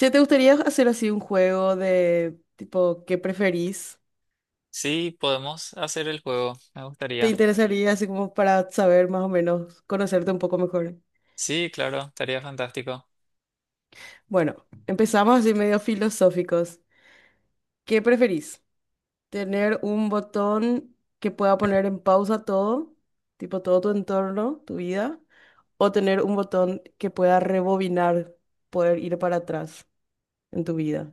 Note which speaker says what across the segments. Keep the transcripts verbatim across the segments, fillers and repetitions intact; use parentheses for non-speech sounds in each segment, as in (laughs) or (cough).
Speaker 1: Si te gustaría hacer así un juego de tipo, ¿qué preferís?
Speaker 2: Sí, podemos hacer el juego, me
Speaker 1: ¿Te
Speaker 2: gustaría.
Speaker 1: interesaría así como para saber más o menos, conocerte un poco mejor?
Speaker 2: Sí, claro, estaría fantástico.
Speaker 1: Bueno, empezamos así medio filosóficos. ¿Qué preferís? ¿Tener un botón que pueda poner en pausa todo, tipo todo tu entorno, tu vida? ¿O tener un botón que pueda rebobinar, poder ir para atrás en tu vida?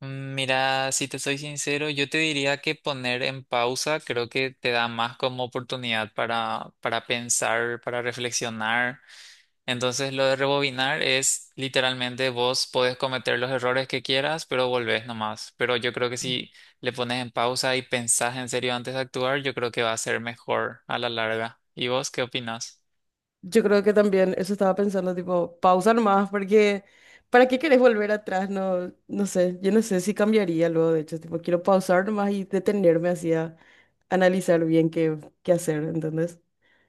Speaker 2: Mm, Mira, si te soy sincero, yo te diría que poner en pausa creo que te da más como oportunidad para, para pensar, para reflexionar. Entonces, lo de rebobinar es literalmente vos podés cometer los errores que quieras, pero volvés nomás. Pero yo creo que si le pones en pausa y pensás en serio antes de actuar, yo creo que va a ser mejor a la larga. ¿Y vos qué opinas?
Speaker 1: Yo creo que también eso estaba pensando, tipo, pausa nomás, porque ¿para qué querés volver atrás? No, no sé, yo no sé si cambiaría luego, de hecho, tipo, quiero pausar nomás y detenerme así a analizar bien qué, qué hacer, ¿entendés?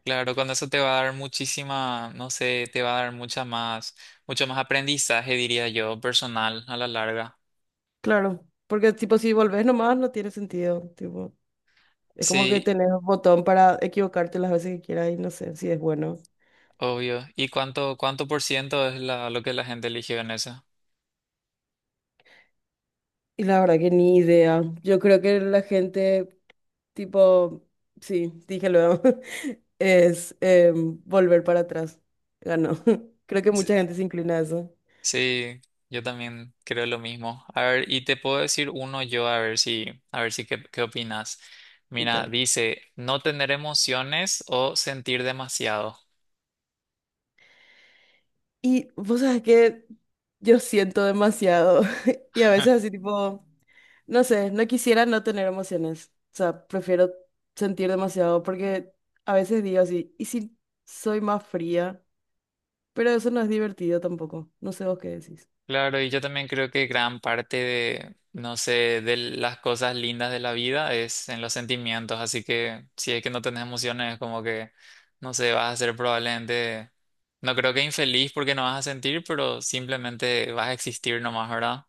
Speaker 2: Claro, con eso te va a dar muchísima, no sé, te va a dar mucha más, mucho más aprendizaje, diría yo, personal a la larga.
Speaker 1: Claro, porque tipo, si volvés nomás no tiene sentido, tipo, es como que
Speaker 2: Sí,
Speaker 1: tenés un botón para equivocarte las veces que quieras y no sé si es bueno.
Speaker 2: obvio. ¿Y cuánto, cuánto por ciento es la, lo que la gente eligió en eso?
Speaker 1: Y la verdad que ni idea. Yo creo que la gente, tipo, sí, dije luego, (laughs) es em, volver para atrás. Ganó. (laughs) Creo que
Speaker 2: Sí,
Speaker 1: mucha gente se inclina a eso.
Speaker 2: sí, yo también creo lo mismo. A ver, y te puedo decir uno yo, a ver si, a ver si qué, qué opinas. Mira,
Speaker 1: Dale.
Speaker 2: dice, no tener emociones o sentir demasiado.
Speaker 1: Y vos sabés que yo siento demasiado. (laughs) Y a veces así, tipo, no sé, no quisiera no tener emociones. O sea, prefiero sentir demasiado porque a veces digo así, ¿y si soy más fría? Pero eso no es divertido tampoco. No sé vos qué decís.
Speaker 2: Claro, y yo también creo que gran parte de, no sé, de las cosas lindas de la vida es en los sentimientos, así que si es que no tenés emociones, es como que, no sé, vas a ser probablemente, no creo que infeliz porque no vas a sentir, pero simplemente vas a existir nomás, ¿verdad?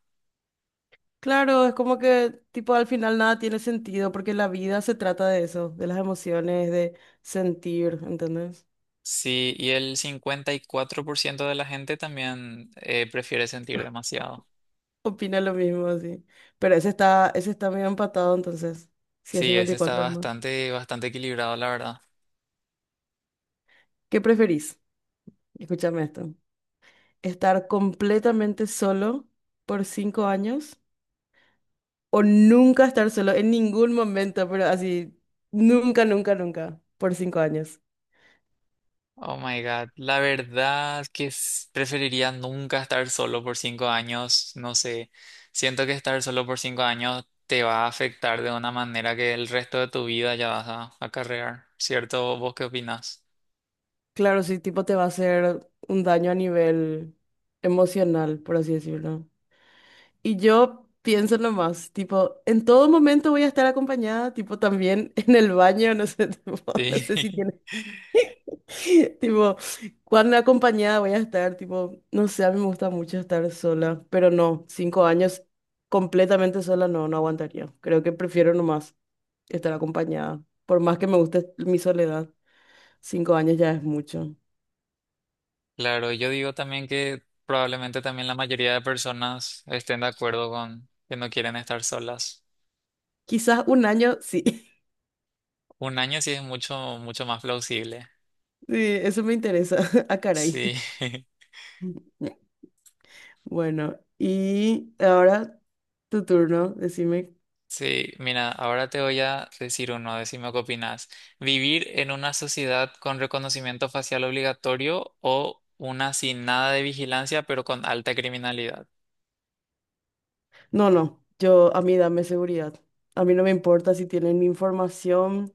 Speaker 1: Claro, es como que tipo al final nada tiene sentido porque la vida se trata de eso, de las emociones, de sentir, ¿entendés?
Speaker 2: Sí, y el cincuenta y cuatro por ciento de la gente también eh, prefiere sentir demasiado.
Speaker 1: Opina lo mismo, sí. Pero ese está, ese está medio empatado entonces. Si es
Speaker 2: Sí, ese está
Speaker 1: cincuenta y cuatro hermano.
Speaker 2: bastante, bastante equilibrado, la verdad.
Speaker 1: ¿Qué preferís? Escúchame esto. ¿Estar completamente solo por cinco años o nunca estar solo en ningún momento, pero así, nunca, nunca, nunca, por cinco años?
Speaker 2: Oh my God, la verdad que s- preferiría nunca estar solo por cinco años, no sé, siento que estar solo por cinco años te va a afectar de una manera que el resto de tu vida ya vas a acarrear, ¿cierto? ¿Vos qué opinás?
Speaker 1: Claro, sí, tipo te va a hacer un daño a nivel emocional, por así decirlo. Y yo pienso nomás, tipo, en todo momento voy a estar acompañada, tipo, también (laughs) en el baño, no sé, (laughs) tipo, no
Speaker 2: Sí,
Speaker 1: sé si tienes,
Speaker 2: (laughs)
Speaker 1: (laughs) tipo, cuán acompañada voy a estar, tipo, no sé, a mí me gusta mucho estar sola, pero no, cinco años completamente sola no, no aguantaría. Creo que prefiero nomás estar acompañada, por más que me guste mi soledad, cinco años ya es mucho.
Speaker 2: claro, yo digo también que probablemente también la mayoría de personas estén de acuerdo con que no quieren estar solas.
Speaker 1: Quizás un año, sí. (laughs)
Speaker 2: Un año sí es mucho, mucho más plausible,
Speaker 1: Sí, eso me interesa. (laughs) Ah,
Speaker 2: sí.
Speaker 1: caray.
Speaker 2: (laughs)
Speaker 1: Bueno, y ahora tu turno, decime.
Speaker 2: Sí, mira, ahora te voy a decir uno, decime qué opinas. ¿Vivir en una sociedad con reconocimiento facial obligatorio o una sin nada de vigilancia pero con alta criminalidad?
Speaker 1: No, no, yo a mí dame seguridad. A mí no me importa si tienen mi información,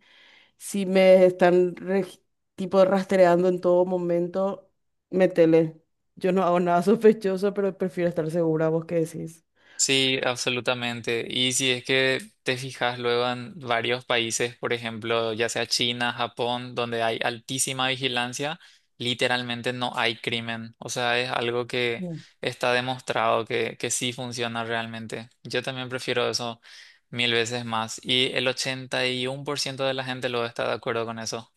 Speaker 1: si me están reg- tipo rastreando en todo momento, métele. Yo no hago nada (laughs) sospechoso, pero prefiero estar segura, ¿vos qué decís?
Speaker 2: Sí, absolutamente. Y si es que te fijas luego en varios países, por ejemplo, ya sea China, Japón, donde hay altísima vigilancia, literalmente no hay crimen. O sea, es algo que
Speaker 1: Mm.
Speaker 2: está demostrado que, que sí funciona realmente. Yo también prefiero eso mil veces más. Y el ochenta y uno por ciento de la gente lo está de acuerdo con eso.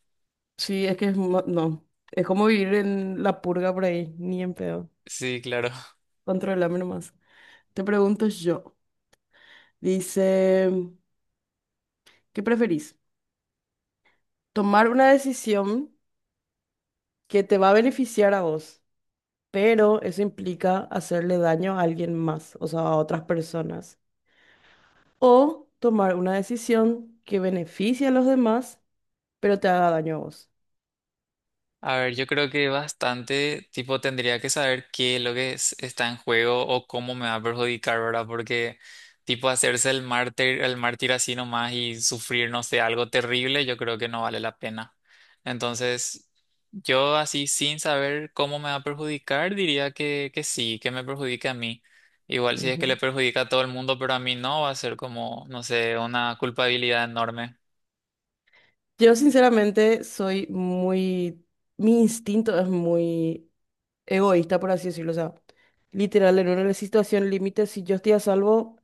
Speaker 1: Sí, es que es mo- no, es como vivir en la purga por ahí, ni en pedo.
Speaker 2: Sí, claro.
Speaker 1: Controlame nomás. Te pregunto yo. Dice, ¿qué preferís? Tomar una decisión que te va a beneficiar a vos, pero eso implica hacerle daño a alguien más, o sea, a otras personas. O tomar una decisión que beneficie a los demás, pero te haga daño a vos.
Speaker 2: A ver, yo creo que bastante, tipo, tendría que saber qué es lo que es- está en juego o cómo me va a perjudicar, ¿verdad? Porque, tipo, hacerse el mártir, el mártir así nomás y sufrir, no sé, algo terrible, yo creo que no vale la pena. Entonces, yo así, sin saber cómo me va a perjudicar, diría que, que sí, que me perjudique a mí. Igual si es que le
Speaker 1: Ujú.
Speaker 2: perjudica a todo el mundo, pero a mí no, va a ser como, no sé, una culpabilidad enorme.
Speaker 1: Yo sinceramente soy muy, mi instinto es muy egoísta, por así decirlo. O sea, literal, en una situación límite, si yo estoy a salvo...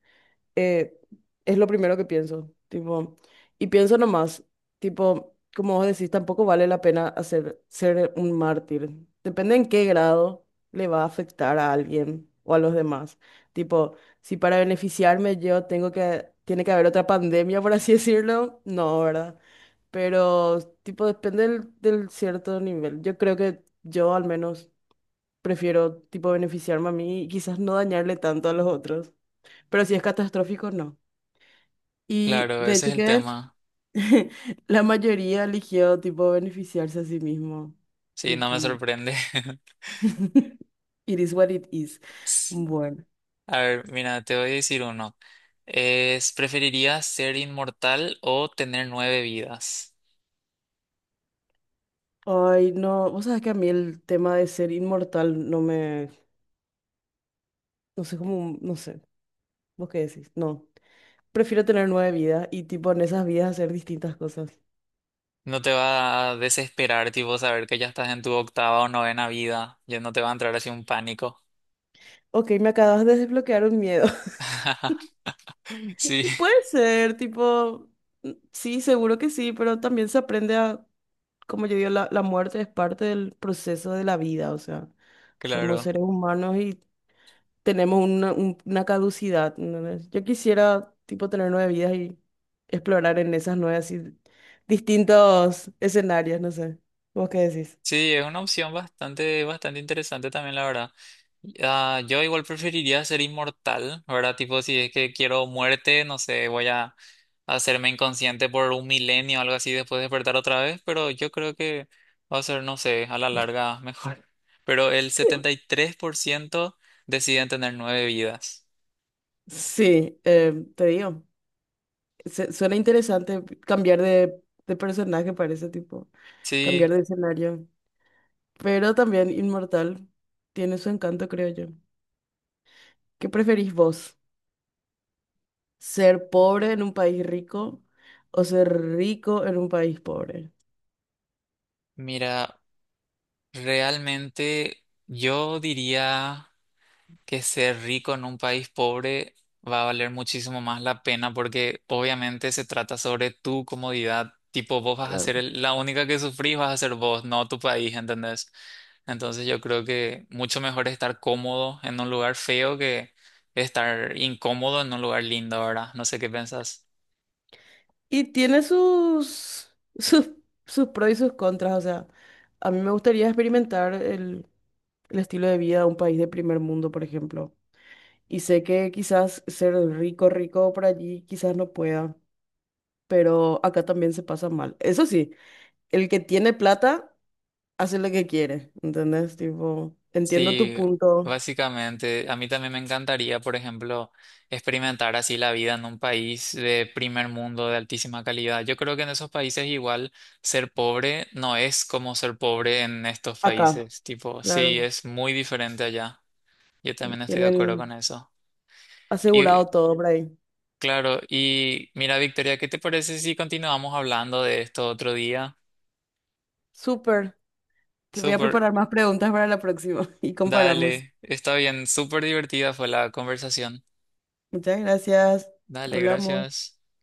Speaker 1: eh, es lo primero que pienso, tipo, y pienso nomás, tipo, como vos decís, tampoco vale la pena hacer, ser un mártir. Depende en qué grado le va a afectar a alguien o a los demás. Tipo, si para beneficiarme yo tengo que, tiene que haber otra pandemia, por así (laughs) decirlo, no, ¿verdad? Pero, tipo, depende del, del cierto nivel. Yo creo que yo al menos prefiero, tipo, beneficiarme a mí y quizás no dañarle tanto a los otros. Pero si es catastrófico, no. Y
Speaker 2: Claro,
Speaker 1: de
Speaker 2: ese
Speaker 1: hecho
Speaker 2: es el
Speaker 1: que
Speaker 2: tema.
Speaker 1: (laughs) la mayoría eligió tipo beneficiarse a sí mismo.
Speaker 2: Sí, no
Speaker 1: Tipo,
Speaker 2: me sorprende.
Speaker 1: (laughs) it is what it is.
Speaker 2: (laughs)
Speaker 1: Bueno.
Speaker 2: A ver, mira, te voy a decir uno. Es, ¿preferirías ser inmortal o tener nueve vidas?
Speaker 1: Ay, no, vos sabés que a mí el tema de ser inmortal no me, no sé cómo, no sé, vos qué decís, no. Prefiero tener nueve vidas y tipo en esas vidas hacer distintas cosas.
Speaker 2: No te va a desesperar, tipo, saber que ya estás en tu octava o novena vida. Ya no te va a entrar así un pánico.
Speaker 1: Ok, me acabas de desbloquear un miedo. (laughs)
Speaker 2: (laughs) Sí,
Speaker 1: Y puede ser, tipo, mm, sí, seguro que sí, pero también se aprende a como yo digo, la, la muerte es parte del proceso de la vida, o sea, somos
Speaker 2: claro.
Speaker 1: seres humanos y tenemos una, un- una caducidad. ¿Entendés? Yo quisiera, tipo, tener nueve vidas y explorar en esas nueve, así, distintos escenarios, no sé. ¿Vos qué decís?
Speaker 2: Sí, es una opción bastante, bastante interesante también, la verdad. Ah, yo igual preferiría ser inmortal, ¿verdad? Tipo, si es que quiero muerte, no sé, voy a hacerme inconsciente por un milenio o algo así, después despertar otra vez, pero yo creo que va a ser, no sé, a la larga mejor. Pero el setenta y tres por ciento deciden tener nueve vidas.
Speaker 1: Sí, eh, te digo, se- suena interesante cambiar de, de personaje para ese tipo,
Speaker 2: Sí,
Speaker 1: cambiar de escenario, pero también inmortal tiene su encanto, creo yo. ¿Qué preferís vos? Ser pobre en un país rico o ser rico en un país pobre.
Speaker 2: mira, realmente yo diría... que ser rico en un país pobre va a valer muchísimo más la pena porque obviamente se trata sobre tu comodidad. Tipo, vos vas a
Speaker 1: Claro.
Speaker 2: ser el- la única que sufrís, vas a ser vos, no tu país, ¿entendés? Entonces yo creo que mucho mejor estar cómodo en un lugar feo que estar incómodo en un lugar lindo, ¿verdad? No sé qué pensás.
Speaker 1: Y tiene sus, (laughs) sus, sus pros y sus contras. O sea, a mí me gustaría experimentar el, el estilo de vida de un país de primer mundo, por ejemplo. Y sé que quizás ser rico, rico por allí, quizás no pueda, pero acá también se pasa mal. Eso sí, el que tiene plata hace lo que quiere, ¿entendés? Tipo, entiendo tu
Speaker 2: Sí,
Speaker 1: punto
Speaker 2: básicamente, a mí también me encantaría, por ejemplo, experimentar así la vida en un país de primer mundo, de altísima calidad. Yo creo que en esos países igual ser pobre no es como ser pobre en estos
Speaker 1: acá,
Speaker 2: países. Tipo, sí,
Speaker 1: claro.
Speaker 2: es muy diferente allá. Yo también estoy de acuerdo con
Speaker 1: Tienen
Speaker 2: eso. Y
Speaker 1: asegurado todo, Bray.
Speaker 2: claro, y mira, Victoria, ¿qué te parece si continuamos hablando de esto otro día?
Speaker 1: Súper. Te voy a
Speaker 2: Súper,
Speaker 1: preparar más preguntas para la próxima (laughs) y comparamos.
Speaker 2: dale, está bien, súper divertida fue la conversación.
Speaker 1: Muchas gracias.
Speaker 2: Dale,
Speaker 1: Hablamos.
Speaker 2: gracias.